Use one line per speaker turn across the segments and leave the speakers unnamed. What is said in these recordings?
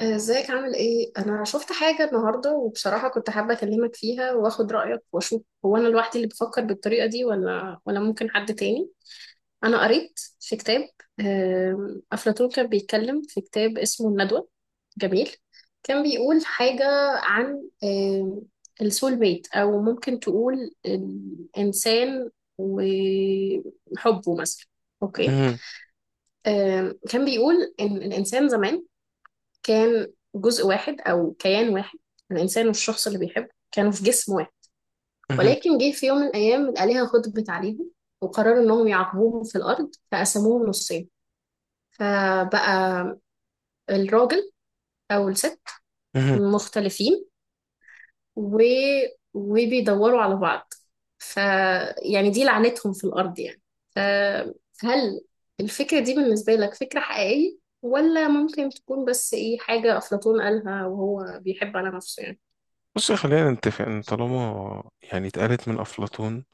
ازيك عامل ايه؟ انا شفت حاجه النهارده وبصراحه كنت حابه اكلمك فيها واخد رايك واشوف هو انا لوحدي اللي بفكر بالطريقه دي ولا ممكن حد تاني. انا قريت في كتاب. افلاطون كان بيتكلم في كتاب اسمه الندوه، جميل. كان بيقول حاجه عن السول ميت او ممكن تقول الانسان وحبه مثلا. اوكي.
مهم.
كان بيقول ان الانسان زمان كان جزء واحد أو كيان واحد. الإنسان والشخص اللي بيحبه كانوا في جسم واحد،
مهم.
ولكن جه في يوم من الأيام الآلهة غضبت عليهم وقرروا إنهم يعاقبوهم في الأرض فقسموهم نصين. فبقى الراجل أو الست
مهم.
مختلفين و... وبيدوروا على بعض، فيعني دي لعنتهم في الأرض يعني. فهل الفكرة دي بالنسبة لك فكرة حقيقية، ولا ممكن تكون بس إيه حاجة أفلاطون قالها وهو بيحب على نفسه يعني؟
بص، خلينا نتفق ان طالما يعني اتقالت من افلاطون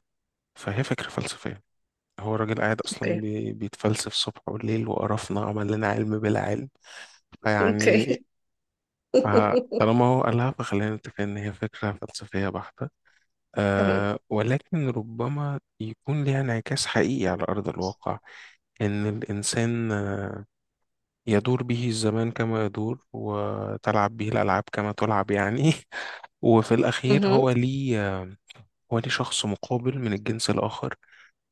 فهي فكره فلسفيه. هو الراجل قاعد اصلا
أوكي.
بيتفلسف صبح وليل وقرفنا، عمل لنا علم بلا علم. فيعني
اوكي.
ف- طالما هو قالها فخلينا نتفق ان هي فكره فلسفيه بحته.
تمام.
ولكن ربما يكون ليها انعكاس حقيقي على ارض الواقع، ان الانسان يدور به الزمان كما يدور وتلعب به الألعاب كما تلعب يعني. وفي الأخير،
مهم.
هو ليه شخص مقابل من الجنس الآخر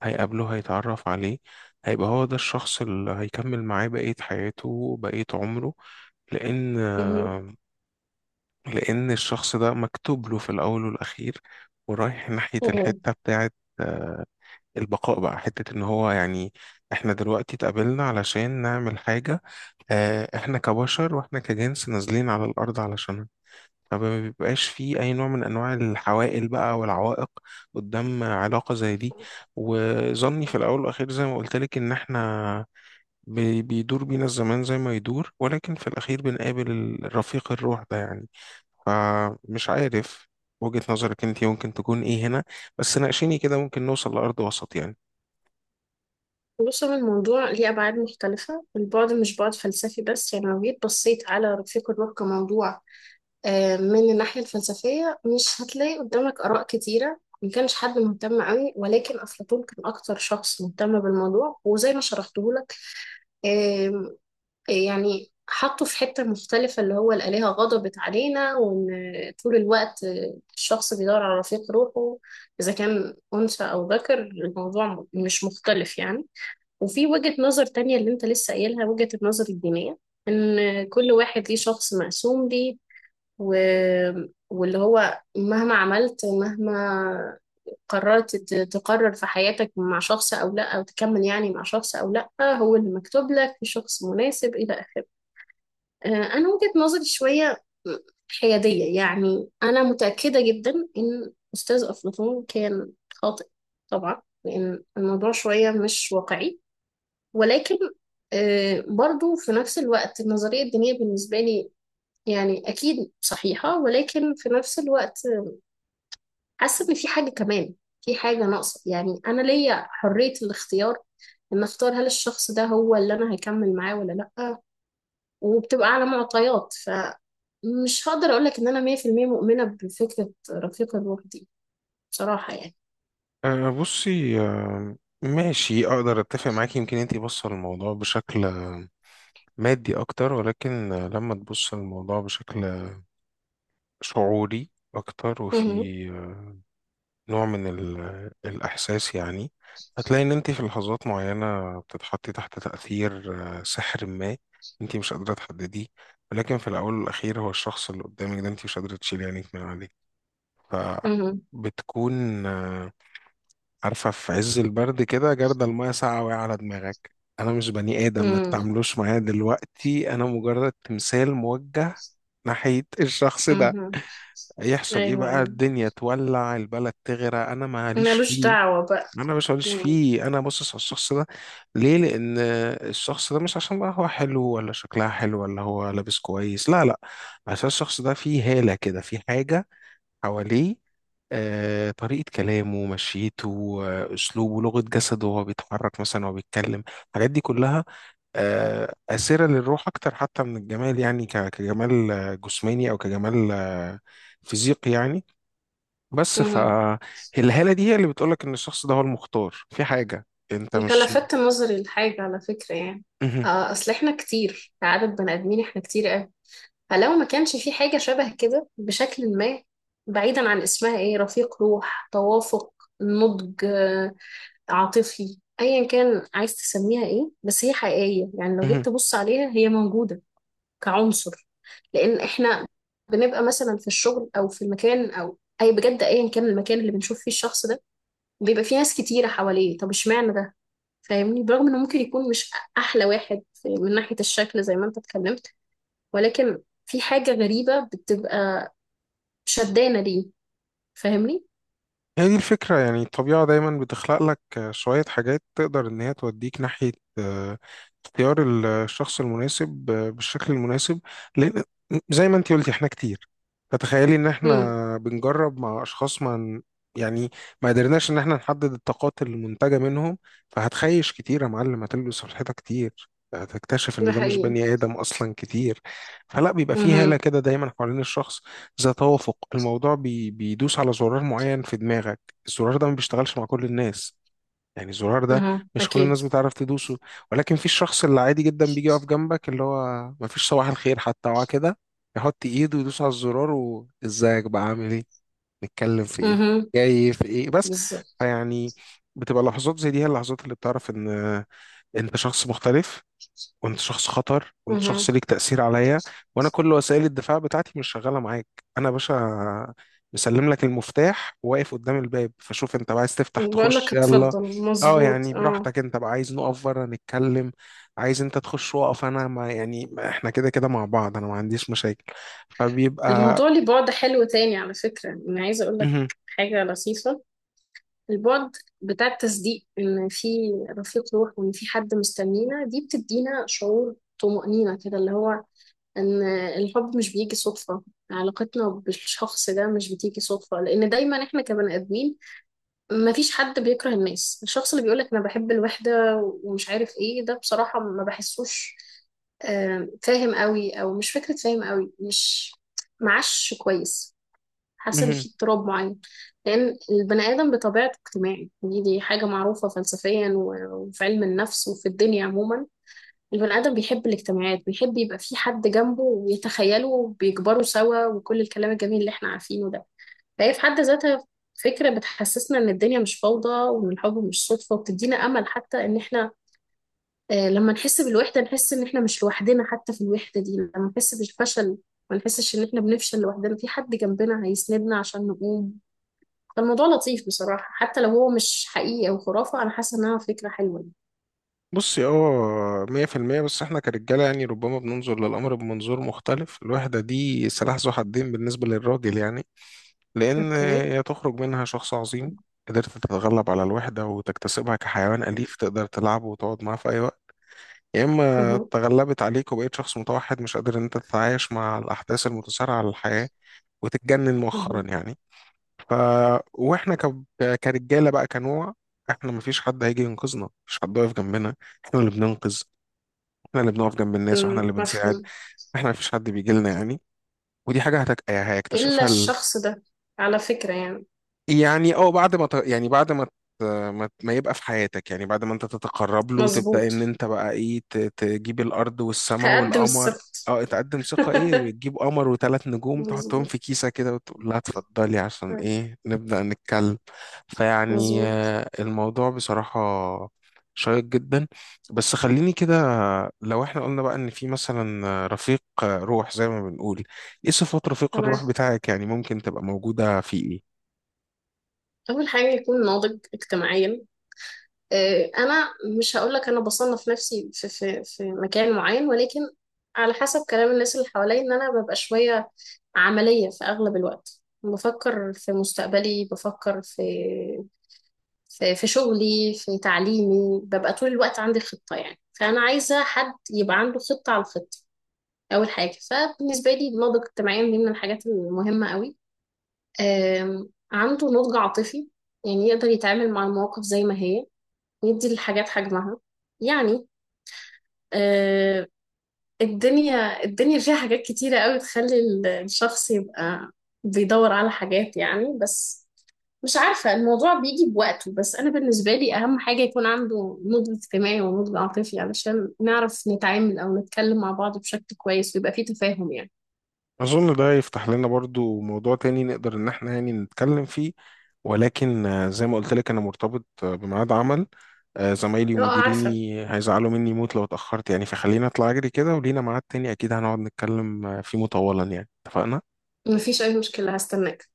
هيقابله، هيتعرف عليه، هيبقى هو ده الشخص اللي هيكمل معاه بقية حياته، بقية عمره. لأن
مهم.
لأن الشخص ده مكتوب له في الأول والأخير، ورايح ناحية
مهم. مهم.
الحتة بتاعت البقاء، بقى حتة ان هو يعني احنا دلوقتي اتقابلنا علشان نعمل حاجة. احنا كبشر واحنا كجنس نازلين على الارض علشانها. فما بيبقاش فيه اي نوع من انواع الحوائل بقى والعوائق قدام علاقة زي دي. وظني في الاول والاخير، زي ما قلت لك، ان احنا بيدور بينا الزمان زي ما يدور، ولكن في الاخير بنقابل الرفيق الروح ده يعني. فمش عارف وجهة نظرك انت ممكن تكون ايه هنا. بس ناقشيني كده، ممكن نوصل لأرض وسط يعني.
بص، هو الموضوع ليه أبعاد مختلفة، البعد مش بعد فلسفي بس. يعني لو جيت بصيت على رفيق النور كموضوع، من الناحية الفلسفية مش هتلاقي قدامك آراء كتيرة، ما كانش حد مهتم قوي، ولكن أفلاطون كان أكتر شخص مهتم بالموضوع. وزي ما شرحته لك يعني، حطه في حتة مختلفة اللي هو الآلهة غضبت علينا، وإن طول الوقت الشخص بيدور على رفيق روحه. إذا كان أنثى أو ذكر الموضوع مش مختلف يعني. وفي وجهة نظر تانية اللي أنت لسه قايلها، وجهة النظر الدينية، إن كل واحد ليه شخص مقسوم ليه، و... واللي هو مهما عملت، مهما قررت ت- تقرر في حياتك مع شخص أو لأ، أو تكمل يعني مع شخص أو لأ، هو اللي مكتوب لك في شخص مناسب إلى آخره. آه، أنا وجهة نظري شوية حيادية يعني. أنا متأكدة جدا إن أستاذ أفلاطون كان خاطئ طبعا، لأن الموضوع شوية مش واقعي. ولكن برضو في نفس الوقت النظرية الدينية بالنسبة لي يعني أكيد صحيحة، ولكن في نفس الوقت حاسة إن في حاجة كمان، في حاجة ناقصة. يعني أنا ليا حرية الاختيار، إن أختار هل الشخص ده هو اللي أنا هكمل معاه ولا لأ، وبتبقى على معطيات. مش هقدر أقولك إن أنا 100% مؤمنة بفكرة رفيق الروح دي بصراحة يعني.
أه، بصي، ماشي، اقدر اتفق معاكي. يمكن انتي بص على الموضوع بشكل مادي اكتر، ولكن لما تبص الموضوع بشكل شعوري اكتر وفي
مهم.
آه، نوع من الاحساس يعني، هتلاقي ان انتي في لحظات معينة بتتحطي تحت تأثير سحر ما انتي مش قادرة تحدديه، ولكن في الاول والاخير هو الشخص اللي قدامك ده انتي مش قادرة تشيلي عينيك من عليه.
مهم.
فبتكون عارفة، في عز البرد كده جردل المية ساقعة وقع على دماغك. أنا مش بني آدم، ما
مهم.
تتعاملوش معايا دلوقتي، أنا مجرد تمثال موجه ناحية الشخص ده.
مهم.
يحصل إيه
أيوه،
بقى،
أيوه،
الدنيا تولع، البلد تغرق، أنا ماليش
ملوش
فيه.
دعوة بقى.
أنا مش ماليش
مم.
فيه، أنا باصص على الشخص ده. ليه؟ لأن الشخص ده مش عشان بقى هو حلو، ولا شكلها حلو، ولا هو لابس كويس. لا، لا. عشان الشخص ده فيه هالة كده، فيه حاجة حواليه. طريقة كلامه، مشيته، أسلوبه، لغة جسده وهو بيتحرك مثلا وهو بيتكلم، الحاجات دي كلها آسرة للروح أكتر حتى من الجمال يعني، كجمال جسماني، أو كجمال فيزيقي يعني. بس
مهم.
فالهالة دي هي اللي بتقولك إن الشخص ده هو المختار، في حاجة أنت
أنت
مش...
لفتت نظري لحاجة على فكرة يعني. آه، أصل إحنا كتير، كعدد بني آدمين إحنا كتير أوي. فلو ما كانش في حاجة شبه كده بشكل ما، بعيدا عن اسمها إيه، رفيق روح، توافق، نضج عاطفي، ايا كان عايز تسميها ايه، بس هي حقيقية. يعني لو جيت
مهم.
تبص عليها هي موجودة كعنصر، لان احنا بنبقى مثلا في الشغل او في المكان او اي بجد، ايا كان المكان اللي بنشوف فيه الشخص ده بيبقى فيه ناس كتيره حواليه. طب اشمعنى ده؟ فاهمني؟ برغم انه ممكن يكون مش احلى واحد من ناحيه الشكل زي ما انت اتكلمت، ولكن في حاجه غريبه بتبقى شدانه ليه. فاهمني؟
هي دي الفكرة يعني. الطبيعة دايما بتخلق لك شوية حاجات تقدر إن هي توديك ناحية آه، اختيار الشخص المناسب بالشكل المناسب. لأن، زي ما انتي قلتي، احنا كتير. فتخيلي إن
امم.
احنا بنجرب مع أشخاص ما يعني ما قدرناش إن احنا نحدد الطاقات المنتجة منهم. فهتخيش كتير يا معلم، هتلبس في الحيطة كتير، هتكتشف
ده
إن ده مش
حقيقي.
بني آدم أصلا كتير. فلا، بيبقى فيه هالة
اها.
كده دايما حوالين الشخص، ذا توافق، الموضوع بيدوس على زرار معين في دماغك. الزرار ده ما بيشتغلش مع كل الناس. يعني الزرار ده
اها
مش كل
اكيد.
الناس بتعرف تدوسه، ولكن في الشخص اللي عادي جدا بيجي يقف جنبك، اللي هو ما فيش صباح الخير حتى، هو كده يحط ايده ويدوس على الزرار: وازيك بقى، عامل ايه، نتكلم في ايه،
اها.
جاي في ايه، بس.
بالظبط.
فيعني بتبقى لحظات زي دي هي اللحظات اللي بتعرف ان انت شخص مختلف، وانت شخص خطر، وانت
اها.
شخص ليك تأثير عليا، وانا كل وسائل الدفاع بتاعتي مش شغالة معاك. انا يا باشا مسلم لك المفتاح وواقف قدام الباب، فشوف انت بقى عايز تفتح
بقول
تخش،
لك
يلا.
اتفضل،
اه
مظبوط،
يعني
اه.
براحتك، انت بقى عايز نقف بره نتكلم، عايز انت تخش واقف، انا ما يعني ما احنا كده كده مع بعض، انا ما عنديش مشاكل. فبيبقى...
الموضوع ليه بعد حلو تاني على فكرة، أنا عايزة أقول لك
مهم.
حاجة لطيفة. البعد بتاع التصديق إن في رفيق روح وإن في حد مستنينا، دي بتدينا شعور طمأنينة كده، اللي هو إن الحب مش بيجي صدفة، علاقتنا بالشخص ده مش بتيجي صدفة. لأن دايما إحنا كبني آدمين مفيش حد بيكره الناس. الشخص اللي بيقولك أنا بحب الوحدة ومش عارف إيه ده بصراحة ما بحسوش فاهم قوي، أو مش فكرة فاهم قوي، مش معاش كويس. حاسه ان
مهم.
في اضطراب معين، لان البني ادم بطبيعته اجتماعي. دي حاجه معروفه فلسفيا وفي علم النفس وفي الدنيا عموما. البني ادم بيحب الاجتماعات، بيحب يبقى في حد جنبه ويتخيله وبيكبروا سوا، وكل الكلام الجميل اللي احنا عارفينه ده. فهي في حد ذاتها فكره بتحسسنا ان الدنيا مش فوضى، وان الحب مش صدفه، وبتدينا امل حتى. ان احنا لما نحس بالوحده نحس ان احنا مش لوحدنا حتى في الوحده دي، لما نحس بالفشل ما نحسش ان احنا بنفشل لوحدنا، في حد جنبنا هيسندنا عشان نقوم. كان موضوع لطيف بصراحة، حتى لو هو مش حقيقي أو خرافة أنا حاسة إنها فكرة حلوة يعني.
بصي، 100%. بس احنا كرجالة يعني ربما بننظر للأمر بمنظور مختلف. الوحدة دي سلاح ذو حدين بالنسبة للراجل يعني، لأن
اوكي.
هي تخرج منها شخص عظيم قدرت تتغلب على الوحدة وتكتسبها كحيوان أليف تقدر تلعبه وتقعد معاه في أي وقت، يا إما
مهم.
تغلبت عليك وبقيت شخص متوحد مش قادر إن أنت تتعايش مع الأحداث المتسارعة للحياة وتتجنن مؤخرا
مهم.
يعني. ف وإحنا كرجالة بقى، كنوع، إحنا مفيش حد هيجي ينقذنا، مفيش حد واقف جنبنا. إحنا اللي بننقذ، إحنا اللي بنقف جنب الناس، وإحنا
مم.
اللي بنساعد.
مفهوم.
إحنا مفيش حد بيجي لنا يعني. ودي حاجة
إلا
هيكتشفها.
الشخص ده على فكرة يعني.
يعني بعد ما يعني بعد ما ما يبقى في حياتك، يعني بعد ما انت تتقرب له، تبدأ
مظبوط.
ان انت بقى ايه تجيب الارض والسماء
هقدم
والقمر.
السبت.
اه، تقدم ثقة، ايه، تجيب قمر وثلاث نجوم تحطهم
مظبوط.
في كيسة كده وتقول لها اتفضلي. عشان ايه؟ نبدأ نتكلم. فيعني
مظبوط.
الموضوع بصراحة شيق جدا. بس خليني كده، لو احنا قلنا بقى ان في مثلا رفيق روح، زي ما بنقول، ايه صفات رفيق
تمام.
الروح بتاعك يعني، ممكن تبقى موجودة في ايه؟
أول حاجة يكون ناضج اجتماعيا. انا مش هقولك انا بصنف نفسي في مكان معين، ولكن على حسب كلام الناس اللي حواليا ان انا ببقى شويه عمليه في اغلب الوقت، بفكر في مستقبلي، بفكر في شغلي في تعليمي، ببقى طول الوقت عندي خطه. يعني فانا عايزه حد يبقى عنده خطه على الخطه. اول حاجه، فبالنسبه لي النضج اجتماعيا دي من الحاجات المهمه قوي. عنده نضج عاطفي، يعني يقدر يتعامل مع المواقف زي ما هي، يدي الحاجات حجمها يعني. آه، الدنيا فيها حاجات كتيرة قوي تخلي الشخص يبقى بيدور على حاجات يعني. بس مش عارفة، الموضوع بيجي بوقته. بس أنا بالنسبة لي أهم حاجة يكون عنده نضج اجتماعي ونضج عاطفي، علشان نعرف نتعامل أو نتكلم مع بعض بشكل كويس ويبقى فيه تفاهم يعني.
أظن ده يفتح لنا برضو موضوع تاني نقدر إن احنا يعني نتكلم فيه، ولكن زي ما قلت لك أنا مرتبط بميعاد عمل، زمايلي
لا، عارفة،
ومديريني هيزعلوا مني موت لو اتأخرت يعني. فخلينا أطلع أجري كده ولينا ميعاد تاني أكيد هنقعد نتكلم فيه مطولا يعني. اتفقنا؟
مفيش أي مشكلة، هستناك.